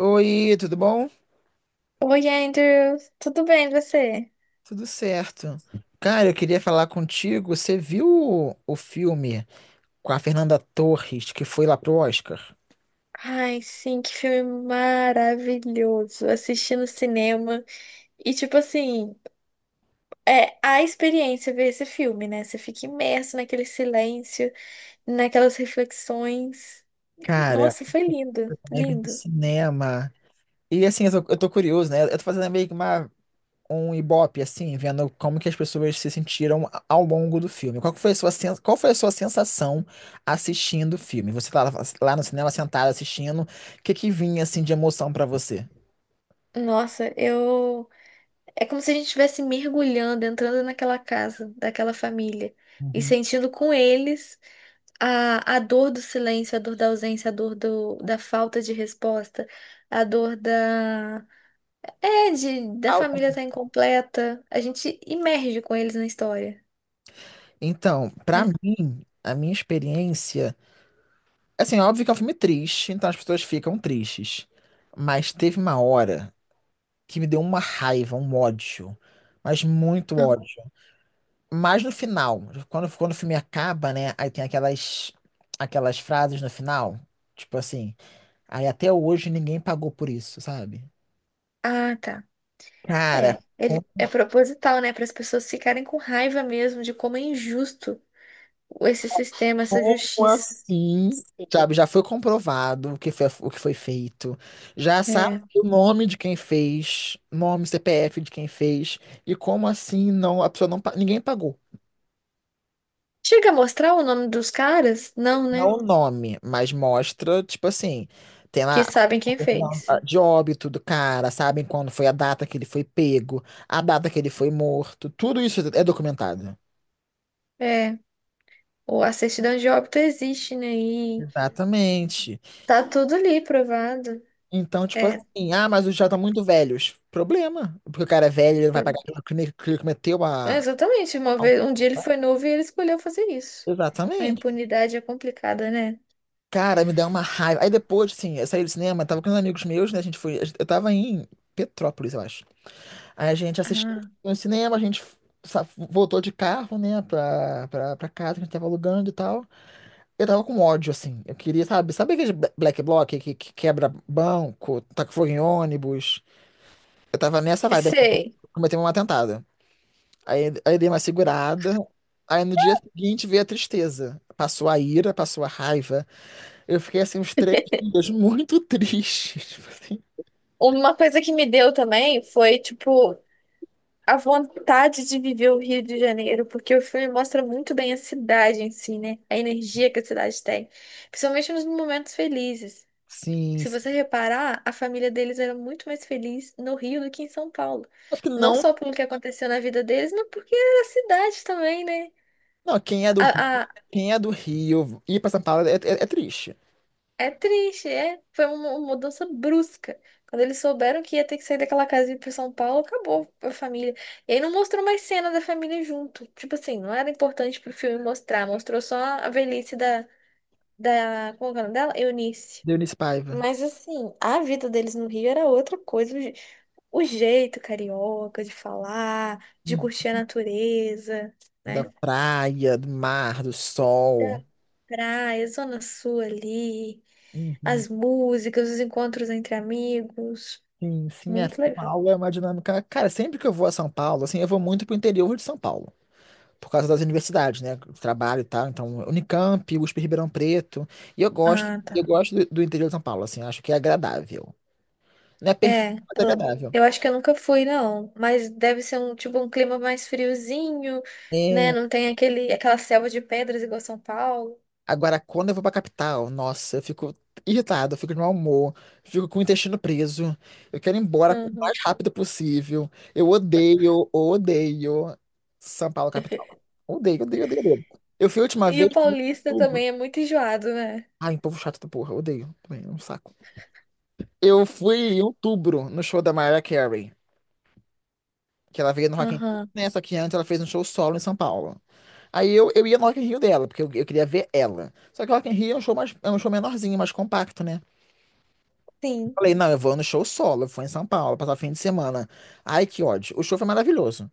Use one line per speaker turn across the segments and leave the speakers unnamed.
Oi, tudo bom?
Oi, Andrew, tudo bem você?
Tudo certo. Cara, eu queria falar contigo. Você viu o filme com a Fernanda Torres que foi lá pro Oscar?
Ai, sim, que filme maravilhoso! Assisti no cinema e, tipo assim, é a experiência ver esse filme, né? Você fica imerso naquele silêncio, naquelas reflexões.
Cara,
Nossa, foi lindo,
como é que é no
lindo.
cinema? E assim, eu tô curioso, né? Eu tô fazendo meio que um ibope, assim, vendo como que as pessoas se sentiram ao longo do filme. Qual que foi qual foi a sua sensação assistindo o filme? Você tá lá, lá no cinema sentado assistindo, o que que vinha assim de emoção pra você?
Nossa, eu. É como se a gente estivesse mergulhando, entrando naquela casa, daquela família e
Uhum.
sentindo com eles. A dor do silêncio, a dor da ausência, a dor do, da falta de resposta, a dor da, é, de, da
Ah,
família estar incompleta. A gente imerge com eles na história,
então, pra
né?
mim, a minha experiência. Assim, óbvio que é um filme triste, então as pessoas ficam tristes. Mas teve uma hora que me deu uma raiva, um ódio. Mas muito
Aham.
ódio. Mas no final, quando o filme acaba, né? Aí tem aquelas frases no final. Tipo assim, aí até hoje ninguém pagou por isso, sabe?
Ah, tá.
Cara,
É, ele, é proposital, né? Para as pessoas ficarem com raiva mesmo de como é injusto esse sistema, essa
como
justiça.
assim? Sabe, já foi comprovado o que foi feito. Já sabe
É.
o nome de quem fez, nome, CPF de quem fez. E como assim não, a pessoa não, pa- ninguém pagou.
Chega a mostrar o nome dos caras? Não,
Não
né?
o nome, mas mostra, tipo assim, tem lá
Que sabem
a
quem
certidão
fez.
de óbito do cara, sabem quando foi a data que ele foi pego, a data que ele foi morto. Tudo isso é documentado.
É, a certidão de óbito existe, né? E
Exatamente.
tá tudo ali provado.
Então, tipo
É,
assim, ah, mas os já estão muito velhos. Problema. Porque o cara é velho, ele não vai
por-
pagar pelo crime que ele cometeu
é, exatamente. Uma
a-
vez, um dia ele foi novo e ele escolheu fazer isso. A
exatamente.
impunidade é complicada, né?
Cara, me deu uma raiva. Aí depois, assim, eu saí do cinema, tava com uns amigos meus, né? A gente foi. Eu tava em Petrópolis, eu acho. Aí a gente assistiu
Ah,
no cinema, a gente voltou de carro, né, pra casa que a gente tava alugando e tal. Eu tava com ódio, assim. Eu queria, sabe, sabe aquele black bloc que quebra banco, taca fogo em ônibus? Eu tava nessa vibe, assim,
sei.
cometeu um atentado. Aí dei uma segurada. Aí no dia seguinte veio a tristeza. Passou a ira, passou a raiva. Eu fiquei assim uns três dias muito triste. Tipo assim.
Uma coisa que me deu também foi, tipo, a vontade de viver o Rio de Janeiro, porque o filme mostra muito bem a cidade em si, né? A energia que a cidade tem, principalmente nos momentos felizes.
Sim,
Se você
sim.
reparar, a família deles era muito mais feliz no Rio do que em São Paulo.
Acho que
Não
não.
só pelo que aconteceu na vida deles, mas porque era a cidade também, né?
Não,
A,
quem é do Rio, ir pra São Paulo é triste.
é triste, é. Foi uma mudança brusca. Quando eles souberam que ia ter que sair daquela casa e ir pra São Paulo, acabou a família. E aí não mostrou mais cena da família junto. Tipo assim, não era importante pro filme mostrar. Mostrou só a velhice da, da, como é que é o nome dela? Eunice.
Do Eunice Paiva.
Mas assim, a vida deles no Rio era outra coisa. O, o jeito carioca de falar, de curtir
Uhum.
a natureza,
Da
né?
praia, do mar, do
Da
sol.
praia, Zona Sul ali,
Uhum.
as músicas, os encontros entre amigos.
Sim, sim, é, São
Muito legal.
Paulo é uma dinâmica. Cara, sempre que eu vou a São Paulo, assim, eu vou muito pro interior de São Paulo. Por causa das universidades, né? Trabalho e tal. Então, Unicamp, USP Ribeirão Preto. E
Ah,
eu
tá.
gosto do interior de São Paulo, assim, acho que é agradável. Não é perfeito,
É,
mas é agradável.
eu acho que eu nunca fui, não. Mas deve ser um tipo um clima mais friozinho, né?
É,
Não tem aquele, aquela selva de pedras igual São Paulo.
agora, quando eu vou pra capital, nossa, eu fico irritado, eu fico de mau humor, fico com o intestino preso. Eu quero ir embora o
Uhum.
mais rápido possível. Eu odeio, odeio São Paulo capital. Odeio, odeio, odeio, odeio. Eu fui a última
E
vez
o
em
paulista
outubro.
também é muito enjoado, né?
Ai, povo chato da porra, odeio. Também, é um saco. Eu fui em outubro no show da Mariah Carey, que ela veio no Rock in Rio,
Aham.
né? Só que antes ela fez um show solo em São Paulo. Aí eu ia no Rock in Rio dela, porque eu queria ver ela. Só que o Rock in Rio é é um show menorzinho, mais compacto, né?
Sim.
Falei, não, eu vou no show solo, eu fui em São Paulo, passar o fim de semana. Ai, que ódio. O show foi maravilhoso.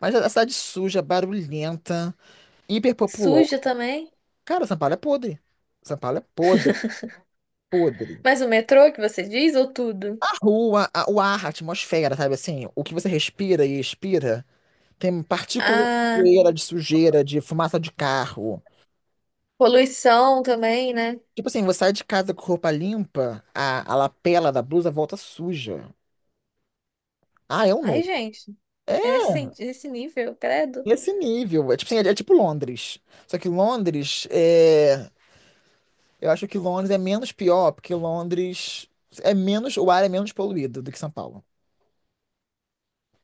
Mas a cidade suja, barulhenta, hiper.
Suja também.
Cara, São Paulo é podre. São Paulo é podre, podre.
Mas o metrô que você diz, ou tudo?
A rua, o ar, a atmosfera, sabe assim? O que você respira e expira. Tem partícula de
Ah,
poeira, de sujeira, de fumaça de carro.
poluição também, né?
Tipo assim, você sai de casa com roupa limpa, a lapela da blusa volta suja. Ah, é um
Ai,
nojo.
gente,
É
é nesse, nesse nível, credo.
esse nível. É tipo assim, é, é tipo Londres. Só que Londres é. Eu acho que Londres é menos pior, porque Londres é menos. O ar é menos poluído do que São Paulo.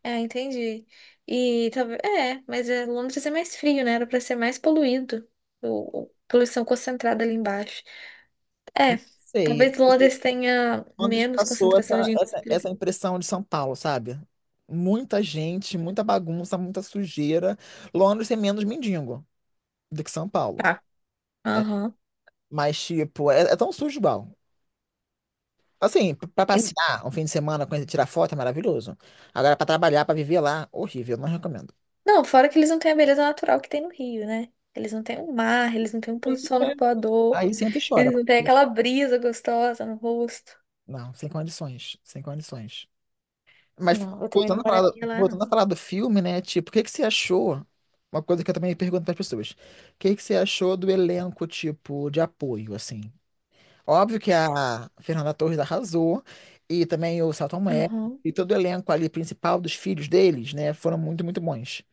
É, entendi. E talvez. É, mas é, Londres é mais frio, né? Era pra ser mais poluído. O, poluição concentrada ali embaixo. É,
Sei.
talvez Londres tenha
Londres
menos
passou
concentração de indústria.
essa impressão de São Paulo, sabe? Muita gente, muita bagunça, muita sujeira. Londres é menos mendigo do que São Paulo.
Tá. Aham.
Mas, tipo, é, é tão sujo, bom. Assim, pra
E-
passear um fim de semana, conhecer, tirar foto é maravilhoso. Agora, pra trabalhar, pra viver lá, horrível, não recomendo.
não, fora que eles não têm a beleza natural que tem no Rio, né? Eles não têm o mar, eles não têm um pôr
Aí,
do sol
é,
arpoador,
aí senta e chora.
eles não têm aquela brisa gostosa no rosto.
Não, sem condições, sem condições. Mas
Não, eu também não moraria lá,
voltando
não.
a falar do filme, né? Tipo, o que que você achou? Uma coisa que eu também pergunto para as pessoas. O que que você achou do elenco, tipo, de apoio, assim? Óbvio que a Fernanda Torres arrasou, e também o Selton Mello,
Aham.
e todo o elenco ali principal dos filhos deles, né, foram muito, muito bons.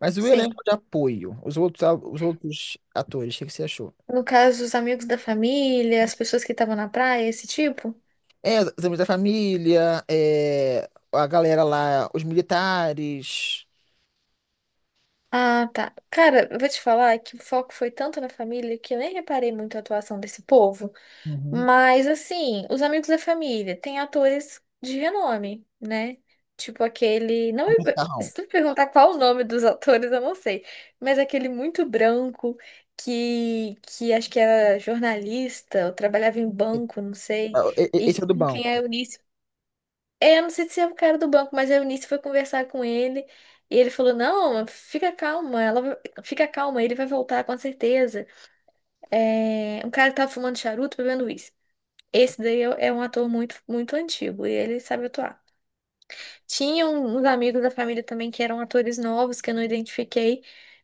Mas o elenco
Sim.
de apoio, os outros, os outros atores, o que que você achou?
No caso, os amigos da família, as pessoas que estavam na praia, esse tipo?
É, os amigos da família, é, a galera lá, os militares.
Ah, tá. Cara, eu vou te falar que o foco foi tanto na família que eu nem reparei muito a atuação desse povo.
Uhum.
Mas, assim, os amigos da família têm atores de renome, né? Tipo aquele. Não,
O Macarrão.
se tu me perguntar qual o nome dos atores, eu não sei. Mas aquele muito branco que acho que era jornalista, ou trabalhava em banco, não sei. E
Esse é o do
com quem a
banco.
Eunice é, eu não sei se é o cara do banco, mas a Eunice foi conversar com ele e ele falou: "Não, fica calma, fica calma, ele vai voltar com certeza." É, um cara que tava fumando charuto bebendo uísque. Esse daí é um ator muito, muito antigo e ele sabe atuar. Tinha uns amigos da família também que eram atores novos que eu não identifiquei,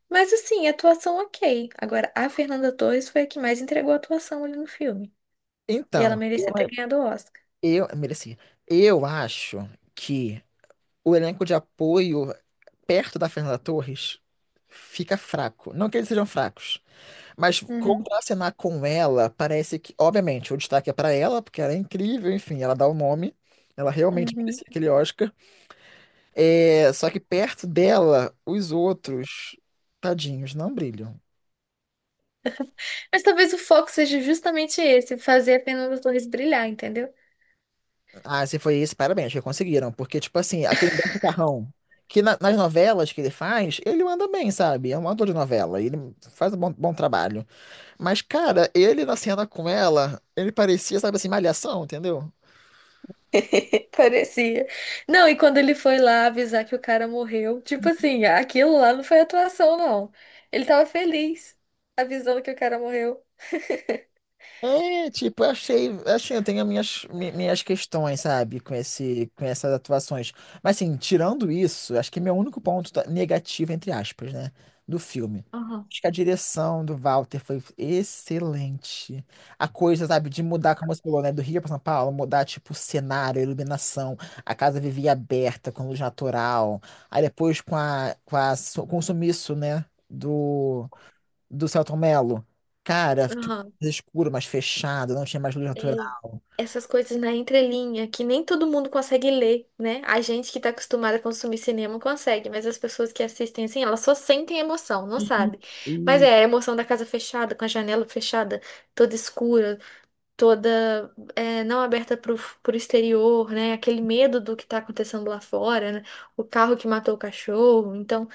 mas assim, atuação ok. Agora, a Fernanda Torres foi a que mais entregou a atuação ali no filme e ela
Então,
merecia ter ganhado o Oscar.
eu merecia. Eu acho que o elenco de apoio perto da Fernanda Torres, fica fraco. Não que eles sejam fracos, mas
Uhum,
contracenar com ela parece que, obviamente, o destaque é pra ela, porque ela é incrível, enfim, ela dá o nome. Ela realmente
uhum.
merecia aquele Oscar. É, só que perto dela, os outros, tadinhos, não brilham.
Mas talvez o foco seja justamente esse, fazer a Fernanda Torres brilhar, entendeu?
Ah, se foi isso, parabéns, que conseguiram. Porque, tipo assim, aquele Humberto Carrão, que nas novelas que ele faz, ele manda bem, sabe? É um ator de novela, ele faz um bom trabalho. Mas, cara, ele na cena com ela, ele parecia, sabe assim, malhação, entendeu?
Parecia. Não, e quando ele foi lá avisar que o cara morreu, tipo assim, aquilo lá não foi atuação, não. Ele tava feliz avisando que o cara morreu.
É, tipo, eu achei, assim, eu tenho minhas questões, sabe, com com essas atuações. Mas, assim, tirando isso, acho que é meu único negativo, entre aspas, né, do filme.
Aham,
Acho que a direção do Walter foi excelente. A coisa, sabe, de mudar, como você falou, né, do Rio para São Paulo, mudar, tipo, o cenário, a iluminação, a casa vivia aberta, com luz natural. Aí depois com o sumiço, né, do, do Celton Mello. Cara, tudo
aham.
mais escuro, mais fechado, não tinha mais luz
E
natural.
essas coisas na entrelinha, que nem todo mundo consegue ler, né? A gente que tá acostumada a consumir cinema consegue, mas as pessoas que assistem assim, elas só sentem emoção, não sabe? Mas
E
é a emoção da casa fechada, com a janela fechada, toda escura. Toda é, não aberta para o exterior, né? Aquele medo do que está acontecendo lá fora, né? O carro que matou o cachorro. Então,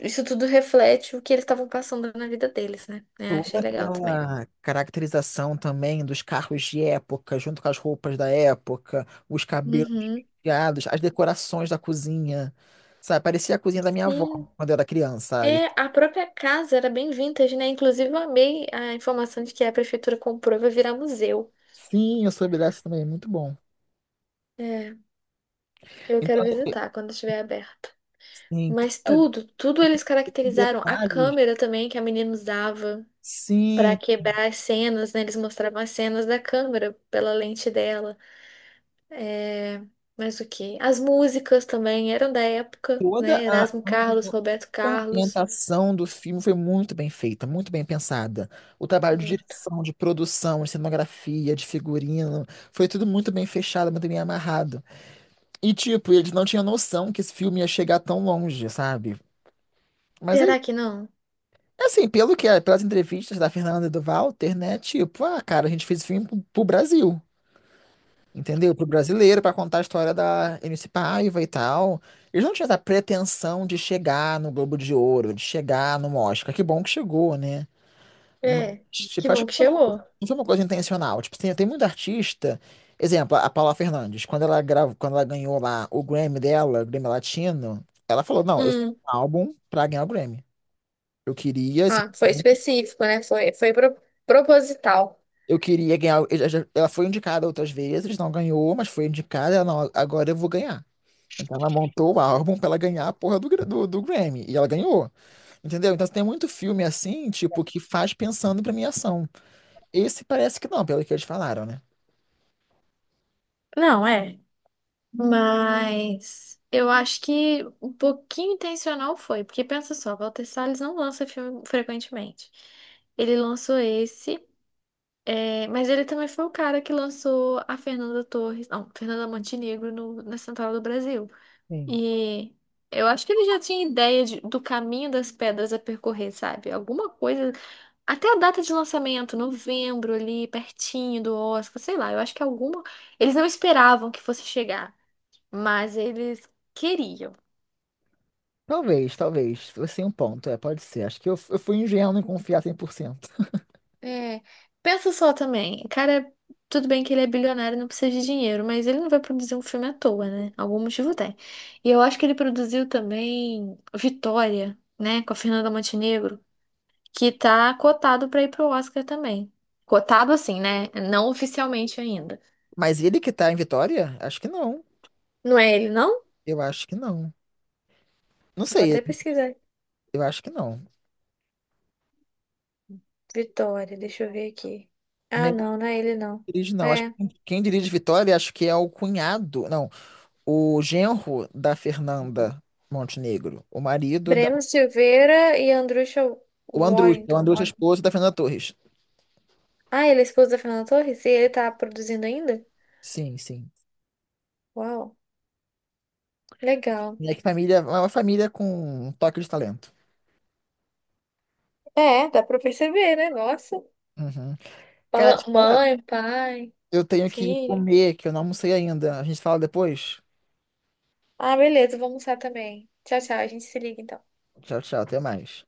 isso tudo reflete o que eles estavam passando na vida deles, né? É,
toda
achei legal também.
aquela caracterização também dos carros de época, junto com as roupas da época, os cabelos
Uhum.
penteados, as decorações da cozinha. Sabe, parecia a cozinha da minha avó
Sim.
quando eu era criança, sabe?
É, a própria casa era bem vintage, né? Inclusive, eu amei a informação de que a prefeitura comprou e vai virar museu.
Sim, eu soube dessa também, muito bom.
É, eu quero
Então,
visitar quando estiver aberto.
sim, tem
Mas tudo, tudo eles caracterizaram. A
detalhes.
câmera também que a menina usava. Para
Sim,
quebrar as cenas, né? Eles mostravam as cenas da câmera pela lente dela. É, mas o que? As músicas também eram da época,
toda
né?
a
Erasmo Carlos,
ambientação.
Roberto
A
Carlos.
ambientação do filme foi muito bem feita, muito bem pensada. O trabalho de
Hum.
direção, de produção, de cenografia, de figurino, foi tudo muito bem fechado, muito bem amarrado. E, tipo, eles não tinham noção que esse filme ia chegar tão longe, sabe? Mas é
Será que não?
assim, pelo que é, pelas entrevistas da Fernanda e do Walter, né? Tipo, ah, cara, a gente fez o filme pro Brasil, entendeu? Pro brasileiro, pra contar a história da MC Paiva e tal. Eles não tinham essa pretensão de chegar no Globo de Ouro, de chegar no Oscar. Que bom que chegou, né? Mas,
É, que
tipo, acho
bom
que
que chegou.
não foi uma coisa intencional. Tipo, tem muito artista. Exemplo, a Paula Fernandes, quando ela grava, quando ela ganhou lá o Grammy dela, o Grammy Latino, ela falou: Não, eu fiz
Hum.
um álbum pra ganhar o Grammy. Eu queria,
Ah, foi específico, né? Proposital.
eu queria ganhar. Ela ela foi indicada outras vezes, não ganhou, mas foi indicada. Ela, não, agora eu vou ganhar. Então ela montou o álbum pra ela ganhar a porra do Grammy. E ela ganhou. Entendeu? Então tem muito filme assim, tipo, que faz pensando em premiação. Esse parece que não, pelo que eles falaram, né?
Não, é. Mas eu acho que um pouquinho intencional foi, porque pensa só, Walter Salles não lança filme frequentemente. Ele lançou esse. É, mas ele também foi o cara que lançou a Fernanda Torres, não, Fernanda Montenegro na Central do Brasil.
Sim.
E eu acho que ele já tinha ideia do caminho das pedras a percorrer, sabe? Alguma coisa. Até a data de lançamento, novembro, ali, pertinho do Oscar, sei lá. Eu acho que alguma. Eles não esperavam que fosse chegar, mas eles queriam.
Talvez, talvez. Você tem um ponto, é, pode ser. Acho que eu fui ingênuo em confiar cem por cento.
É, pensa só também, cara, tudo bem que ele é bilionário, e não precisa de dinheiro, mas ele não vai produzir um filme à toa, né? Algum motivo tem. E eu acho que ele produziu também Vitória, né, com a Fernanda Montenegro, que tá cotado pra ir pro Oscar também. Cotado assim, né? Não oficialmente ainda.
Mas ele que tá em Vitória? Acho que não.
Não é ele, não?
Eu acho que não. Não
Vou
sei,
até pesquisar.
eu acho que não.
Vitória, deixa eu ver aqui. Ah,
Nem
não, não é ele, não.
dirige, não. Acho que
É.
quem dirige Vitória, acho que é o cunhado, não, o genro da Fernanda Montenegro, o marido da.
Breno Silveira e Andrusha
O
Warrington.
Andrus é esposo da Fernanda Torres.
Ah, ele é esposo da Fernanda Torres? E ele tá produzindo ainda?
Sim, sim.
Uau, legal.
Minha família é uma família com um toque de talento.
É, dá pra perceber, né? Nossa.
Uhum. Cara,
Pa-
deixa eu falar,
mãe, pai,
eu tenho que
filho.
comer, que eu não almocei ainda. A gente fala depois.
Ah, beleza, vou almoçar também. Tchau, tchau. A gente se liga então.
Tchau, tchau, até mais.